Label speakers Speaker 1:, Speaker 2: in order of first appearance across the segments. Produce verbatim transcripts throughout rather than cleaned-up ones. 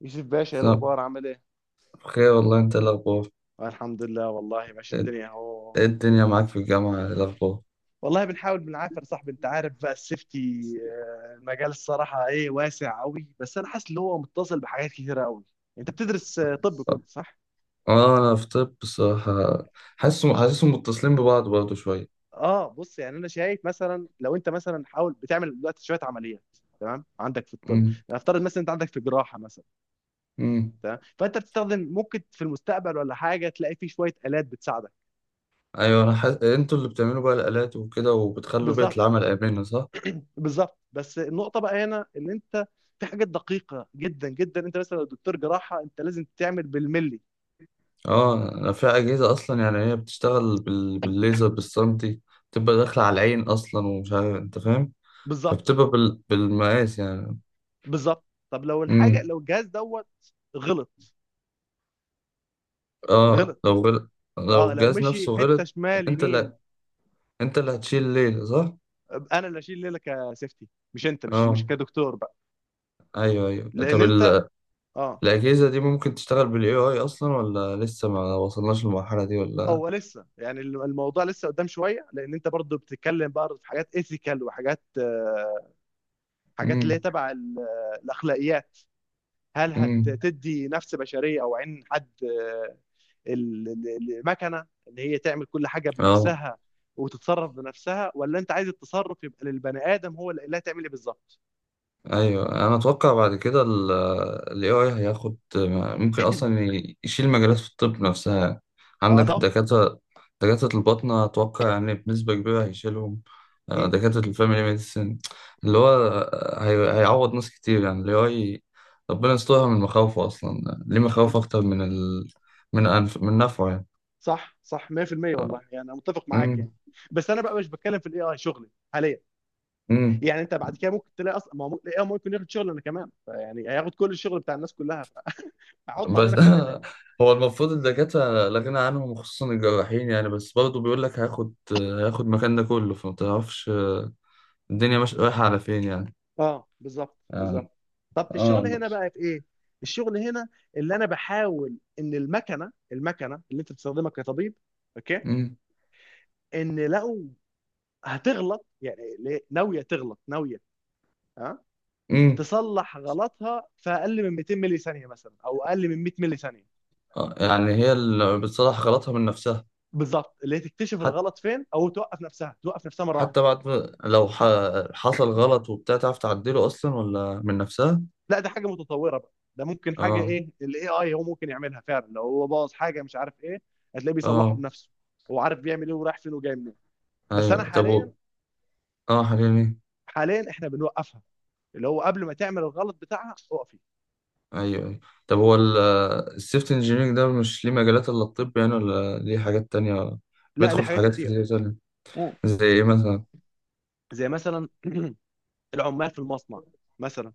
Speaker 1: يوسف باشا ايه
Speaker 2: صح.
Speaker 1: الاخبار عامل ايه.
Speaker 2: خير والله، انت إيه الاخبار؟
Speaker 1: آه الحمد لله والله ماشي
Speaker 2: ايه،
Speaker 1: الدنيا اهو.
Speaker 2: إيه الدنيا
Speaker 1: بن...
Speaker 2: معاك في الجامعة؟ إيه الاخبار؟
Speaker 1: والله بنحاول بنعافر صاحبي، انت عارف بقى السيفتي. آه، المجال الصراحه ايه واسع قوي، بس انا حاسس ان هو متصل بحاجات كتيره قوي. انت بتدرس آه، طب، كنت صح؟
Speaker 2: اه انا في طب بصراحة. حاسسهم حاسسهم متصلين ببعض برضه شوية.
Speaker 1: اه بص، يعني انا شايف مثلا لو انت مثلا حاول بتعمل دلوقتي شويه عمليات. تمام، عندك في الطب
Speaker 2: امم.
Speaker 1: نفترض مثلا انت عندك في جراحه مثلا.
Speaker 2: امم.
Speaker 1: تمام، فانت بتستخدم ممكن في المستقبل ولا حاجه، تلاقي في شويه الات بتساعدك.
Speaker 2: ايوه انا حاسس انتوا اللي بتعملوا بقى الالات وكده وبتخلوا بيئة
Speaker 1: بالظبط.
Speaker 2: العمل امنة، صح.
Speaker 1: بالظبط بس النقطه بقى هنا ان انت في حاجات دقيقه جدا جدا، انت مثلا لو دكتور جراحه انت لازم تعمل بالملي.
Speaker 2: اه انا في اجهزة اصلا، يعني هي بتشتغل بال... بالليزر، بالسنتي، بتبقى داخلة على العين اصلا ومش عارف، انت فاهم.
Speaker 1: بالظبط.
Speaker 2: فبتبقى بال... بالمقاس يعني.
Speaker 1: بالظبط طب لو الحاجه،
Speaker 2: امم.
Speaker 1: لو الجهاز دوت غلط.
Speaker 2: اه
Speaker 1: غلط.
Speaker 2: لو غل... لو
Speaker 1: اه لو
Speaker 2: الجهاز
Speaker 1: مشي
Speaker 2: نفسه
Speaker 1: حته
Speaker 2: غلط.
Speaker 1: شمال
Speaker 2: انت
Speaker 1: يمين.
Speaker 2: اللي انت اللي هتشيل الليلة صح؟
Speaker 1: انا اللي اشيل ليله كسيفتي، مش انت مش مش
Speaker 2: اه.
Speaker 1: كدكتور بقى.
Speaker 2: ايوه ايوه.
Speaker 1: لان
Speaker 2: طب
Speaker 1: انت.
Speaker 2: ال-
Speaker 1: اه.
Speaker 2: الاجهزة دي ممكن تشتغل بالاي اي اصلا، ولا لسه ما وصلناش للمرحلة دي ولا؟
Speaker 1: هو لسه يعني الموضوع لسه قدام شويه، لان انت برضه بتتكلم بقى في حاجات ايثيكال وحاجات آه، حاجات اللي هي
Speaker 2: امم.
Speaker 1: تبع ال- الاخلاقيات. هل
Speaker 2: امم.
Speaker 1: هتدي نفس بشريه او عين حد، آه، ال- ال- المكنه ان هي تعمل كل حاجه
Speaker 2: اه.
Speaker 1: بنفسها وتتصرف بنفسها، ولا انت عايز التصرف يبقى للبني ادم هو اللي اللي هتعمل ايه بالظبط.
Speaker 2: ايوه انا اتوقع بعد كده ال ال إيه آي هياخد، ممكن اصلا ي- يشيل مجالات في الطب نفسها.
Speaker 1: آه،
Speaker 2: عندك
Speaker 1: اتوقع.
Speaker 2: دكاترة، دكاترة الباطنة اتوقع يعني بنسبة كبيرة هيشيلهم. آه،
Speaker 1: امم
Speaker 2: دكاترة الفاميلي ميديسن اللي هو، هي- هيعوض ناس كتير يعني ال إيه آي. ربنا يسترها، من مخاوفه اصلا ليه مخاوف اكتر من ال، من أنف من نفعه يعني.
Speaker 1: صح. صح مية بالمية. والله يعني انا متفق معاك يعني. بس انا بقى مش بتكلم في الاي اي شغلي حاليا.
Speaker 2: امم.
Speaker 1: يعني انت بعد كده ممكن تلاقي اصلا ما هو الاي اي ممكن ياخد شغلنا كمان، يعني هياخد كل الشغل بتاع الناس كلها، هيحط
Speaker 2: بس
Speaker 1: علينا كلنا يعني.
Speaker 2: هو المفروض الدكاترة لا غنى عنهم، وخصوصا الجراحين يعني. بس برضه بيقول لك هياخد هياخد مكان ده كله، فما تعرفش الدنيا مش رايحة على فين يعني.
Speaker 1: اه بالظبط.
Speaker 2: يعني
Speaker 1: بالظبط طب
Speaker 2: اه.
Speaker 1: الشغل
Speaker 2: لا.
Speaker 1: هنا بقى في ايه؟ الشغل هنا اللي انا بحاول ان المكنه المكنه اللي انت بتستخدمها كطبيب، اوكي،
Speaker 2: امم.
Speaker 1: ان لو هتغلط، يعني ليه- ناويه تغلط، ناويه ها
Speaker 2: امم.
Speaker 1: تصلح غلطها في اقل من مئتين ملي ثانيه مثلا او اقل من مية ملي ثانيه.
Speaker 2: آه، يعني هي اللي بتصلح غلطها من نفسها.
Speaker 1: بالظبط اللي هي تكتشف
Speaker 2: حتى،
Speaker 1: الغلط فين، او توقف نفسها، توقف نفسها مره واحده.
Speaker 2: حتى بعد ما- لو ح... حصل غلط وبتاع، تعرف تعدله اصلا ولا من نفسها؟
Speaker 1: لا ده حاجه متطوره بقى، ده ممكن حاجه
Speaker 2: اه.
Speaker 1: ايه الاي اي هو ممكن يعملها فعلا. لو هو باظ حاجه مش عارف ايه، هتلاقيه بيصلحه
Speaker 2: اه.
Speaker 1: بنفسه. هو عارف بيعمل ايه ورايح فين وجاي منين. بس انا
Speaker 2: ايوه. طب
Speaker 1: حاليا،
Speaker 2: و- اه حاليا.
Speaker 1: حاليا احنا بنوقفها، اللي هو قبل ما تعمل الغلط بتاعها اقفي.
Speaker 2: ايوه ايوه. طب هو ال- السيفت انجينيرنج ده مش ليه مجالات الا الطب يعني، ولا ليه حاجات تانية؟
Speaker 1: لا ليه
Speaker 2: بيدخل في
Speaker 1: حاجات
Speaker 2: حاجات
Speaker 1: كتير.
Speaker 2: كتير تانية.
Speaker 1: مم.
Speaker 2: زي ايه مثلا؟
Speaker 1: زي مثلا العمال في المصنع مثلا،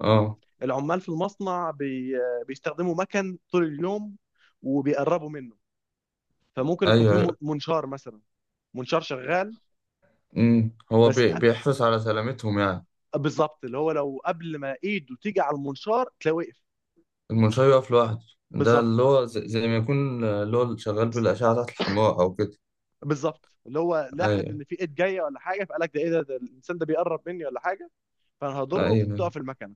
Speaker 2: اه.
Speaker 1: العمال في المصنع بي... بيستخدموا مكن طول اليوم وبيقربوا منه، فممكن يكون
Speaker 2: ايوه
Speaker 1: في
Speaker 2: ايوه.
Speaker 1: منشار مثلا، منشار شغال.
Speaker 2: امم. هو
Speaker 1: بس.
Speaker 2: بي- بيحرص على سلامتهم يعني.
Speaker 1: بالظبط اللي هو لو قبل ما ايده تيجي على المنشار تلاقيه وقف.
Speaker 2: المنشار يقف لوحده، ده اللي
Speaker 1: بالظبط.
Speaker 2: هو زي, زي ما يكون اللي هو شغال بالأشعة تحت الحمراء أو كده.
Speaker 1: بالظبط اللي هو لاحظ
Speaker 2: ايوه
Speaker 1: ان في ايد جايه ولا حاجه، فقال لك ده ايه ده، ده الانسان ده بيقرب مني ولا حاجه، فانا هضره
Speaker 2: ايوه.
Speaker 1: تقف المكنه.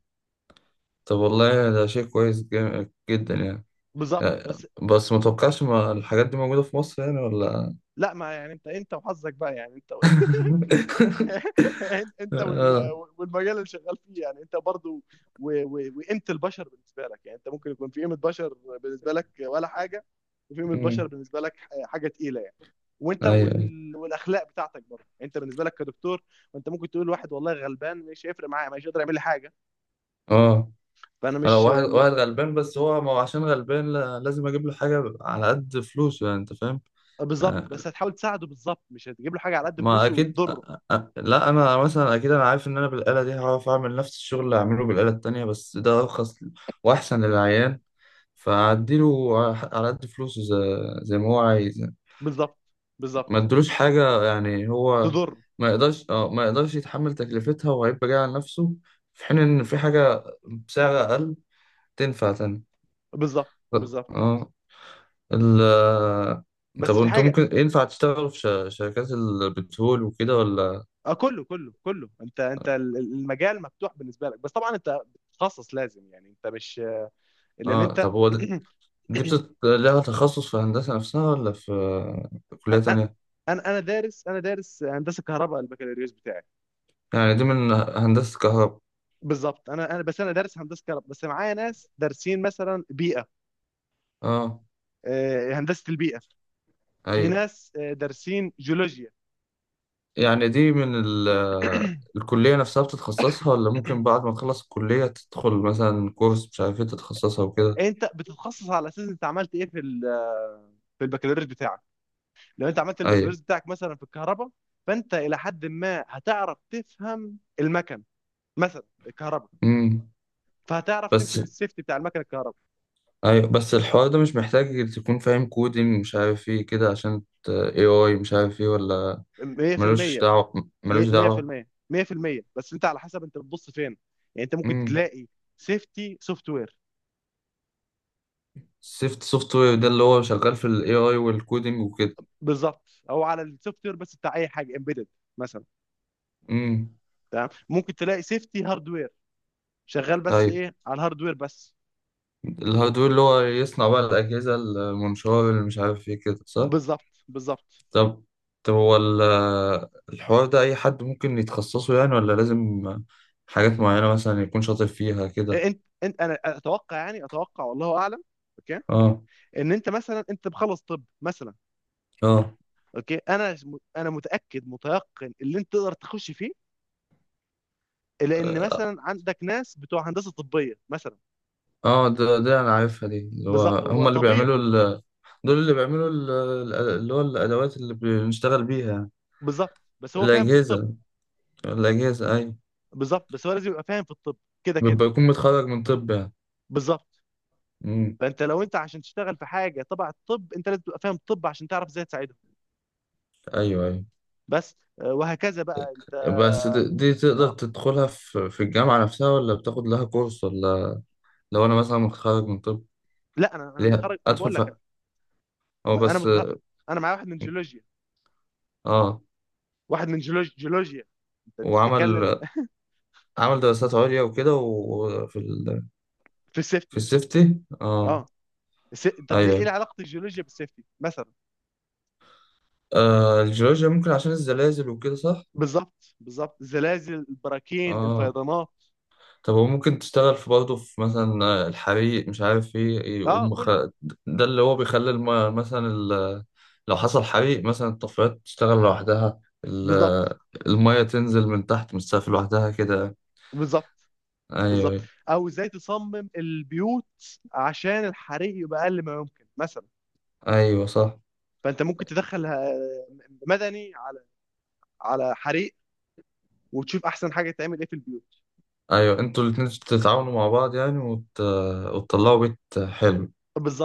Speaker 2: طب والله ده شيء كويس جا- جدا يعني.
Speaker 1: بالظبط بس.
Speaker 2: بس ما توقعش، ما الحاجات دي موجودة في مصر يعني ولا؟
Speaker 1: لا ما يعني انت انت وحظك بقى يعني، انت و... انت
Speaker 2: اه.
Speaker 1: وال- والمجال اللي شغال فيه يعني، انت برضو و- و- وقيمه البشر بالنسبه لك، يعني انت ممكن يكون في قيمه بشر بالنسبه لك ولا حاجه، وفي قيمه بشر
Speaker 2: أمم.
Speaker 1: بالنسبه لك ح- حاجه تقيله يعني. وانت
Speaker 2: ايوه ايوه.
Speaker 1: وال... والاخلاق بتاعتك برضه انت، بالنسبه لك كدكتور، انت ممكن تقول واحد والله غلبان مش هيفرق معايا، مش هيقدر يعمل لي حاجه،
Speaker 2: اه
Speaker 1: فانا
Speaker 2: انا،
Speaker 1: مش
Speaker 2: واحد
Speaker 1: م-
Speaker 2: واحد غلبان بس هو، ما هو عشان غلبان لا- لازم اجيب له حاجه على قد فلوسه يعني، انت فاهم.
Speaker 1: بالظبط
Speaker 2: آه،
Speaker 1: بس هتحاول تساعده. بالظبط مش هتجيب له حاجه على قد
Speaker 2: ما
Speaker 1: فلوسه
Speaker 2: اكيد.
Speaker 1: وتضره.
Speaker 2: آه، آه، لا انا مثلا اكيد، انا عارف ان انا بالاله دي هعرف اعمل نفس الشغل اللي هعمله بالاله التانية، بس ده ارخص واحسن للعيان. فاديله على ح- على قد فلوسه، زي, زي ما هو عايز يعني.
Speaker 1: بالظبط.
Speaker 2: ما
Speaker 1: بالظبط
Speaker 2: ادلوش حاجه يعني، هو
Speaker 1: تضره.
Speaker 2: ما يقدرش، اه ما يقدرش يتحمل تكلفتها وهيبقى جاي على نفسه، في حين ان في حاجه بسعر اقل تنفع تاني.
Speaker 1: بالظبط. بالظبط
Speaker 2: اه. ال، طب
Speaker 1: بس في
Speaker 2: انت
Speaker 1: حاجه.
Speaker 2: ممكن ينفع تشتغل في ش- شركات البترول وكده ولا؟
Speaker 1: اه كله كله كله انت، انت ال- ال- المجال مفتوح بالنسبه لك، بس طبعا انت بتتخصص لازم يعني، انت مش، لان
Speaker 2: اه.
Speaker 1: انت
Speaker 2: طب هو ده- دي بتت... لها تخصص في هندسة نفسها، ولا في كلية تانية؟
Speaker 1: انا انا دارس، انا دارس هندسه كهرباء البكالوريوس بتاعي.
Speaker 2: يعني دي من هندسة كهرباء؟
Speaker 1: بالظبط انا انا بس انا دارس هندسه كهرباء، بس معايا ناس دارسين مثلا بيئه،
Speaker 2: اه.
Speaker 1: آه، هندسه البيئه. في
Speaker 2: ايوه.
Speaker 1: ناس آه، دارسين جيولوجيا.
Speaker 2: يعني دي من ال... الكلية نفسها بتتخصصها، ولا ممكن بعد ما تخلص الكلية تدخل مثلا كورس مش عارف ايه تتخصصها وكده؟
Speaker 1: انت بتتخصص على اساس انت عملت ايه في ال- آه، في البكالوريوس بتاعك. لو انت عملت
Speaker 2: ايوه.
Speaker 1: البكالوريوس بتاعك مثلا في الكهرباء، فانت الى حد ما هتعرف تفهم المكن، مثلا الكهرباء،
Speaker 2: امم.
Speaker 1: فهتعرف تمشي
Speaker 2: بس،
Speaker 1: في السيفتي بتاع المكن الكهرباء.
Speaker 2: ايوه بس الحوار ده مش محتاج تكون فاهم كودينج مش عارف ايه كده، عشان ت- إيه آي مش عارف ايه ولا؟ ملوش
Speaker 1: مئة بالمئة
Speaker 2: دعوة، ملوش دعوة.
Speaker 1: مية بالمية مية بالمية. بس انت على حسب انت بتبص فين، يعني انت ممكن
Speaker 2: امم.
Speaker 1: تلاقي سيفتي سوفت وير.
Speaker 2: سيفت سوفت وير ده اللي هو شغال في ال إيه آي والكودينج وكده؟
Speaker 1: بالظبط، او على السوفت وير بس بتاع اي حاجه امبيدد مثلا.
Speaker 2: امم.
Speaker 1: تمام ممكن تلاقي سيفتي هاردوير، شغال بس
Speaker 2: أيوة.
Speaker 1: ايه على الهاردوير بس.
Speaker 2: الهاردوير اللي هو يصنع بقى الأجهزة، المنشار، اللي مش عارف ايه كده، صح؟
Speaker 1: بالظبط. بالظبط
Speaker 2: طب، طب هو ال- الحوار ده أي حد ممكن يتخصصه يعني، ولا لازم حاجات معينة مثلا يكون شاطر فيها كده؟
Speaker 1: انت انت انا اتوقع يعني، اتوقع والله اعلم، اوكي،
Speaker 2: اه.
Speaker 1: ان انت مثلا انت بخلص طب مثلا،
Speaker 2: اه.
Speaker 1: اوكي، انا انا متاكد متيقن اللي انت تقدر تخش فيه، لان مثلا عندك ناس بتوع هندسه طبيه مثلا.
Speaker 2: اه ده ده أنا عارفها دي، اللي هو،
Speaker 1: بالظبط هو
Speaker 2: هما اللي
Speaker 1: طبيب.
Speaker 2: بيعملوا ال، دول اللي بيعملوا ال- ال- اللي هو الأدوات اللي بنشتغل بيها يعني.
Speaker 1: بالظبط بس هو فاهم في الطب.
Speaker 2: الأجهزة، الأجهزة أيوة.
Speaker 1: بالظبط بس هو لازم يبقى فاهم في الطب، كده كده.
Speaker 2: بيبقى يكون متخرج من طب يعني؟
Speaker 1: بالظبط
Speaker 2: مم.
Speaker 1: فانت لو انت عشان تشتغل في حاجه تبع الطب، انت لازم تبقى فاهم الطب عشان تعرف ازاي تساعدهم.
Speaker 2: أيوة أيوة.
Speaker 1: بس آه، وهكذا بقى انت.
Speaker 2: بس دي، دي تقدر
Speaker 1: اه
Speaker 2: تدخلها في في الجامعة نفسها، ولا بتاخد لها كورس ولا؟ لو أنا مثلا متخرج من طب
Speaker 1: لا انا انا
Speaker 2: ليها
Speaker 1: متخرج انا
Speaker 2: أدخل
Speaker 1: بقول لك.
Speaker 2: فيها. هو
Speaker 1: انا انا
Speaker 2: بس.
Speaker 1: متخرج، انا معايا واحد من جيولوجيا،
Speaker 2: آه.
Speaker 1: واحد من جيولوج... جيولوجيا. انت أنت بتتكلم.
Speaker 2: وعمل، عمل دراسات عليا وكده وفي ال...
Speaker 1: في
Speaker 2: في
Speaker 1: السيفتي.
Speaker 2: السيفتي، آه.
Speaker 1: اه الس- طب ليه ايه
Speaker 2: أيوة.
Speaker 1: علاقه الجيولوجيا بالسيفتي مثلا؟
Speaker 2: آه الجيولوجيا ممكن عشان الزلازل وكده صح؟
Speaker 1: بالظبط. بالظبط الزلازل البراكين
Speaker 2: آه.
Speaker 1: الفيضانات.
Speaker 2: طب هو ممكن تشتغل في برضه في مثلا آه، الحريق مش عارف ايه ايه،
Speaker 1: اه
Speaker 2: يقوم خ...
Speaker 1: كله.
Speaker 2: ده اللي هو بيخلي الم... مثلا ال... لو حصل حريق مثلا الطفايات تشتغل لوحدها، ال،
Speaker 1: بالظبط.
Speaker 2: المية تنزل من تحت من السقف لوحدها كده.
Speaker 1: بالظبط.
Speaker 2: ايوه
Speaker 1: بالظبط
Speaker 2: ايوه.
Speaker 1: او ازاي تصمم البيوت عشان الحريق يبقى اقل ما يمكن مثلا.
Speaker 2: ايوه صح.
Speaker 1: فانت ممكن تدخل آه، مدني على، على حريق، وتشوف احسن حاجه تعمل ايه في البيوت.
Speaker 2: ايوه، انتوا الاتنين تتعاونوا مع بعض يعني، وت... وتطلعوا بيت حلو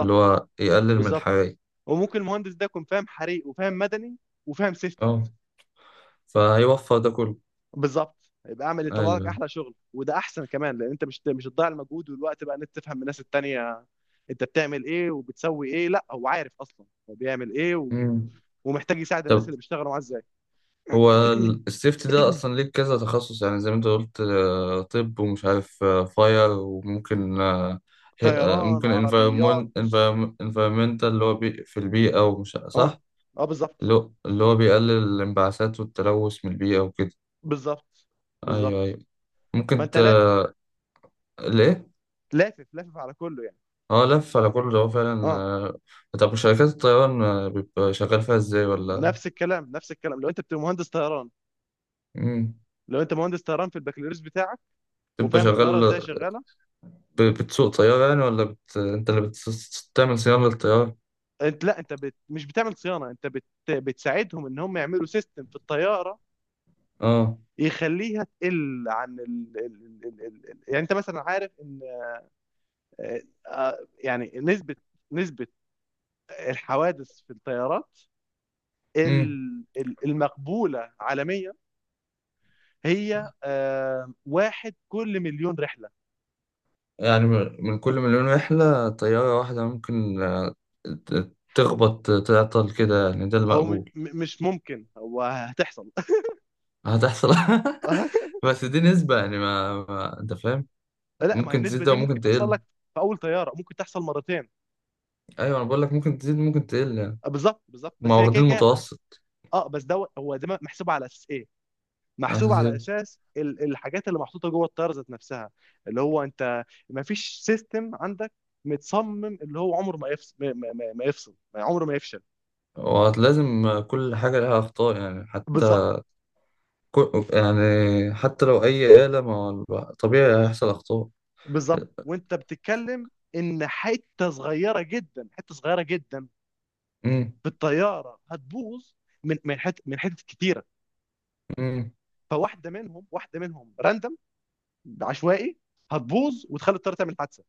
Speaker 2: اللي هو يقلل من
Speaker 1: بالظبط
Speaker 2: الحريق.
Speaker 1: وممكن المهندس ده يكون فاهم حريق، وفاهم مدني، وفاهم سيفتي.
Speaker 2: اه. فهيوفر ده كله.
Speaker 1: بالظبط يبقى اعمل يطلع لك
Speaker 2: ايوه.
Speaker 1: احلى شغل، وده احسن كمان، لان انت مش مش هتضيع المجهود والوقت بقى ان انت تفهم من الناس التانية انت بتعمل ايه وبتسوي ايه، لا هو عارف اصلا هو بيعمل ايه و...
Speaker 2: مم.
Speaker 1: ومحتاج يساعد الناس
Speaker 2: طب
Speaker 1: اللي بيشتغلوا معاه ازاي.
Speaker 2: هو ال- السيفتي ده اصلا ليه كذا تخصص يعني، زي ما انت قلت، آه، طب ومش عارف فاير وممكن آه، هي- آه،
Speaker 1: طيران،
Speaker 2: ممكن
Speaker 1: عربيات.
Speaker 2: انفيرمون، انفيرمنتال اللي هو بي في البيئة ومش،
Speaker 1: اه.
Speaker 2: صح؟
Speaker 1: اه
Speaker 2: اللي
Speaker 1: بالظبط.
Speaker 2: هو اللي هو بيقلل الانبعاثات والتلوث من البيئة وكده.
Speaker 1: بالظبط.
Speaker 2: ايوه
Speaker 1: بالظبط
Speaker 2: ايوه. ممكن
Speaker 1: فانت
Speaker 2: ت...
Speaker 1: لافف بقى،
Speaker 2: ليه.
Speaker 1: لافف لافف على كله يعني.
Speaker 2: اه لف على كل ده هو فعلا،
Speaker 1: اه
Speaker 2: آه. طب وشركات الطيران آه، بيبقى شغال فيها ازاي ولا؟
Speaker 1: نفس الكلام، نفس الكلام. لو انت بتبقى مهندس طيران،
Speaker 2: مم.
Speaker 1: لو انت مهندس طيران في البكالوريوس بتاعك
Speaker 2: بتبقى
Speaker 1: وفاهم الطياره
Speaker 2: شغال،
Speaker 1: ازاي شغاله.
Speaker 2: ب- بتسوق طيارة يعني، ولا بت... انت اللي بتعمل صيانة للطيارة؟
Speaker 1: انت لا انت بت... مش بتعمل صيانه، انت بت... بتساعدهم ان هم يعملوا سيستم في الطياره
Speaker 2: اه.
Speaker 1: يخليها تقل عن ال... ال... ال... ال... ال- يعني انت مثلا عارف ان آه، آه، يعني نسبه، نسبه الحوادث في الطيارات،
Speaker 2: مم.
Speaker 1: ال- ال- المقبوله عالميا هي آه، واحد كل مليون رحله.
Speaker 2: يعني من، من كل مليون رحلة طيارة واحدة ممكن آه، ت- تخبط تعطل كده يعني، ده
Speaker 1: هو م... م-
Speaker 2: المقبول.
Speaker 1: مش ممكن، هو هتحصل.
Speaker 2: هتحصل بس دي نسبة يعني، ما, ما انت فاهم.
Speaker 1: لا ما هي
Speaker 2: ممكن تزيد
Speaker 1: النسبه
Speaker 2: ده
Speaker 1: دي ممكن
Speaker 2: وممكن
Speaker 1: تحصل
Speaker 2: تقل.
Speaker 1: لك في اول طياره، ممكن تحصل مرتين.
Speaker 2: ايوه انا بقول لك ممكن تزيد ممكن تقل يعني.
Speaker 1: آه، بالظبط. بالظبط
Speaker 2: ما
Speaker 1: بس هي كده
Speaker 2: واخدين
Speaker 1: كده.
Speaker 2: المتوسط.
Speaker 1: اه بس ده، هو ده محسوب على اساس ايه؟ محسوب
Speaker 2: اساسي.
Speaker 1: على اساس ال- الحاجات اللي محطوطه جوه الطياره ذات نفسها، اللي هو انت ما فيش سيستم عندك متصمم اللي هو عمره ما يفصل، ما, ما, ما ما يفصل، ما عمره ما يفشل.
Speaker 2: ولازم كل حاجة لها اخطاء يعني،
Speaker 1: بالظبط.
Speaker 2: حتى، كل يعني، حتى لو اي آلة، ما هو طبيعي هيحصل اخطاء.
Speaker 1: بالظبط وانت بتتكلم ان حته صغيره جدا، حته صغيره جدا في الطياره هتبوظ، من من حته، من حتت كتيره،
Speaker 2: امم.
Speaker 1: فواحده منهم، واحده منهم راندم، عشوائي هتبوظ وتخلي الطياره تعمل حادثه.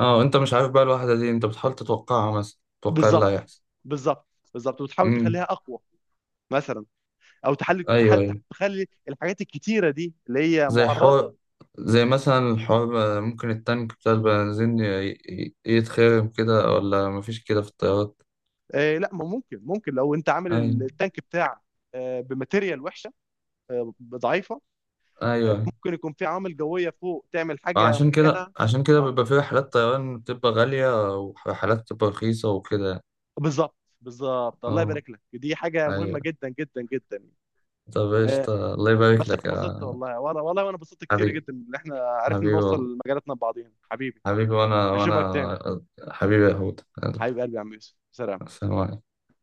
Speaker 2: اه وانت مش عارف بقى الواحدة دي، انت بتحاول تتوقعها مثلا تتوقع إيه اللي
Speaker 1: بالظبط.
Speaker 2: هيحصل.
Speaker 1: بالظبط. بالظبط وتحاول
Speaker 2: امم.
Speaker 1: تخليها اقوى مثلا، او تحلي تح-
Speaker 2: ايوه
Speaker 1: تح-
Speaker 2: ايوه.
Speaker 1: تخلي الحاجات الكتيره دي اللي هي
Speaker 2: زي
Speaker 1: معرضه.
Speaker 2: حوار، زي مثلا الحوار آه، ممكن التانك بتاع البنزين ي- ي- يتخرم كده، ولا مفيش كده في الطيارات؟
Speaker 1: آه لا ما ممكن، ممكن لو انت عامل
Speaker 2: ايوه
Speaker 1: التانك بتاعك، آه بماتيريال وحشه، آه ضعيفه،
Speaker 2: ايوه.
Speaker 1: ممكن يكون في عوامل جويه فوق تعمل حاجه
Speaker 2: عشان كده
Speaker 1: معينه.
Speaker 2: عشان كده
Speaker 1: اه
Speaker 2: بيبقى في رحلات طيران بتبقى غالية ورحلات بتبقى رخيصة وكده.
Speaker 1: بالظبط. بالظبط. الله
Speaker 2: اه.
Speaker 1: يبارك لك دي حاجه مهمه
Speaker 2: ايوه.
Speaker 1: جدا جدا جدا يعني.
Speaker 2: طب ايش،
Speaker 1: آه
Speaker 2: الله
Speaker 1: بس
Speaker 2: يبارك
Speaker 1: انا
Speaker 2: لك
Speaker 1: اتبسطت
Speaker 2: يا
Speaker 1: والله والله والله، وانا اتبسطت كتير
Speaker 2: حبيبي.
Speaker 1: جدا ان احنا عرفنا
Speaker 2: حبيبي
Speaker 1: نوصل
Speaker 2: والله.
Speaker 1: لمجالاتنا ببعضينا حبيبي.
Speaker 2: حبيبي، وانا،
Speaker 1: اشوفك تاني،
Speaker 2: وانا، حبيبي يا هود، يلا،
Speaker 1: حبيب قلبي يا عم يوسف، سلام.
Speaker 2: سلام عليكم.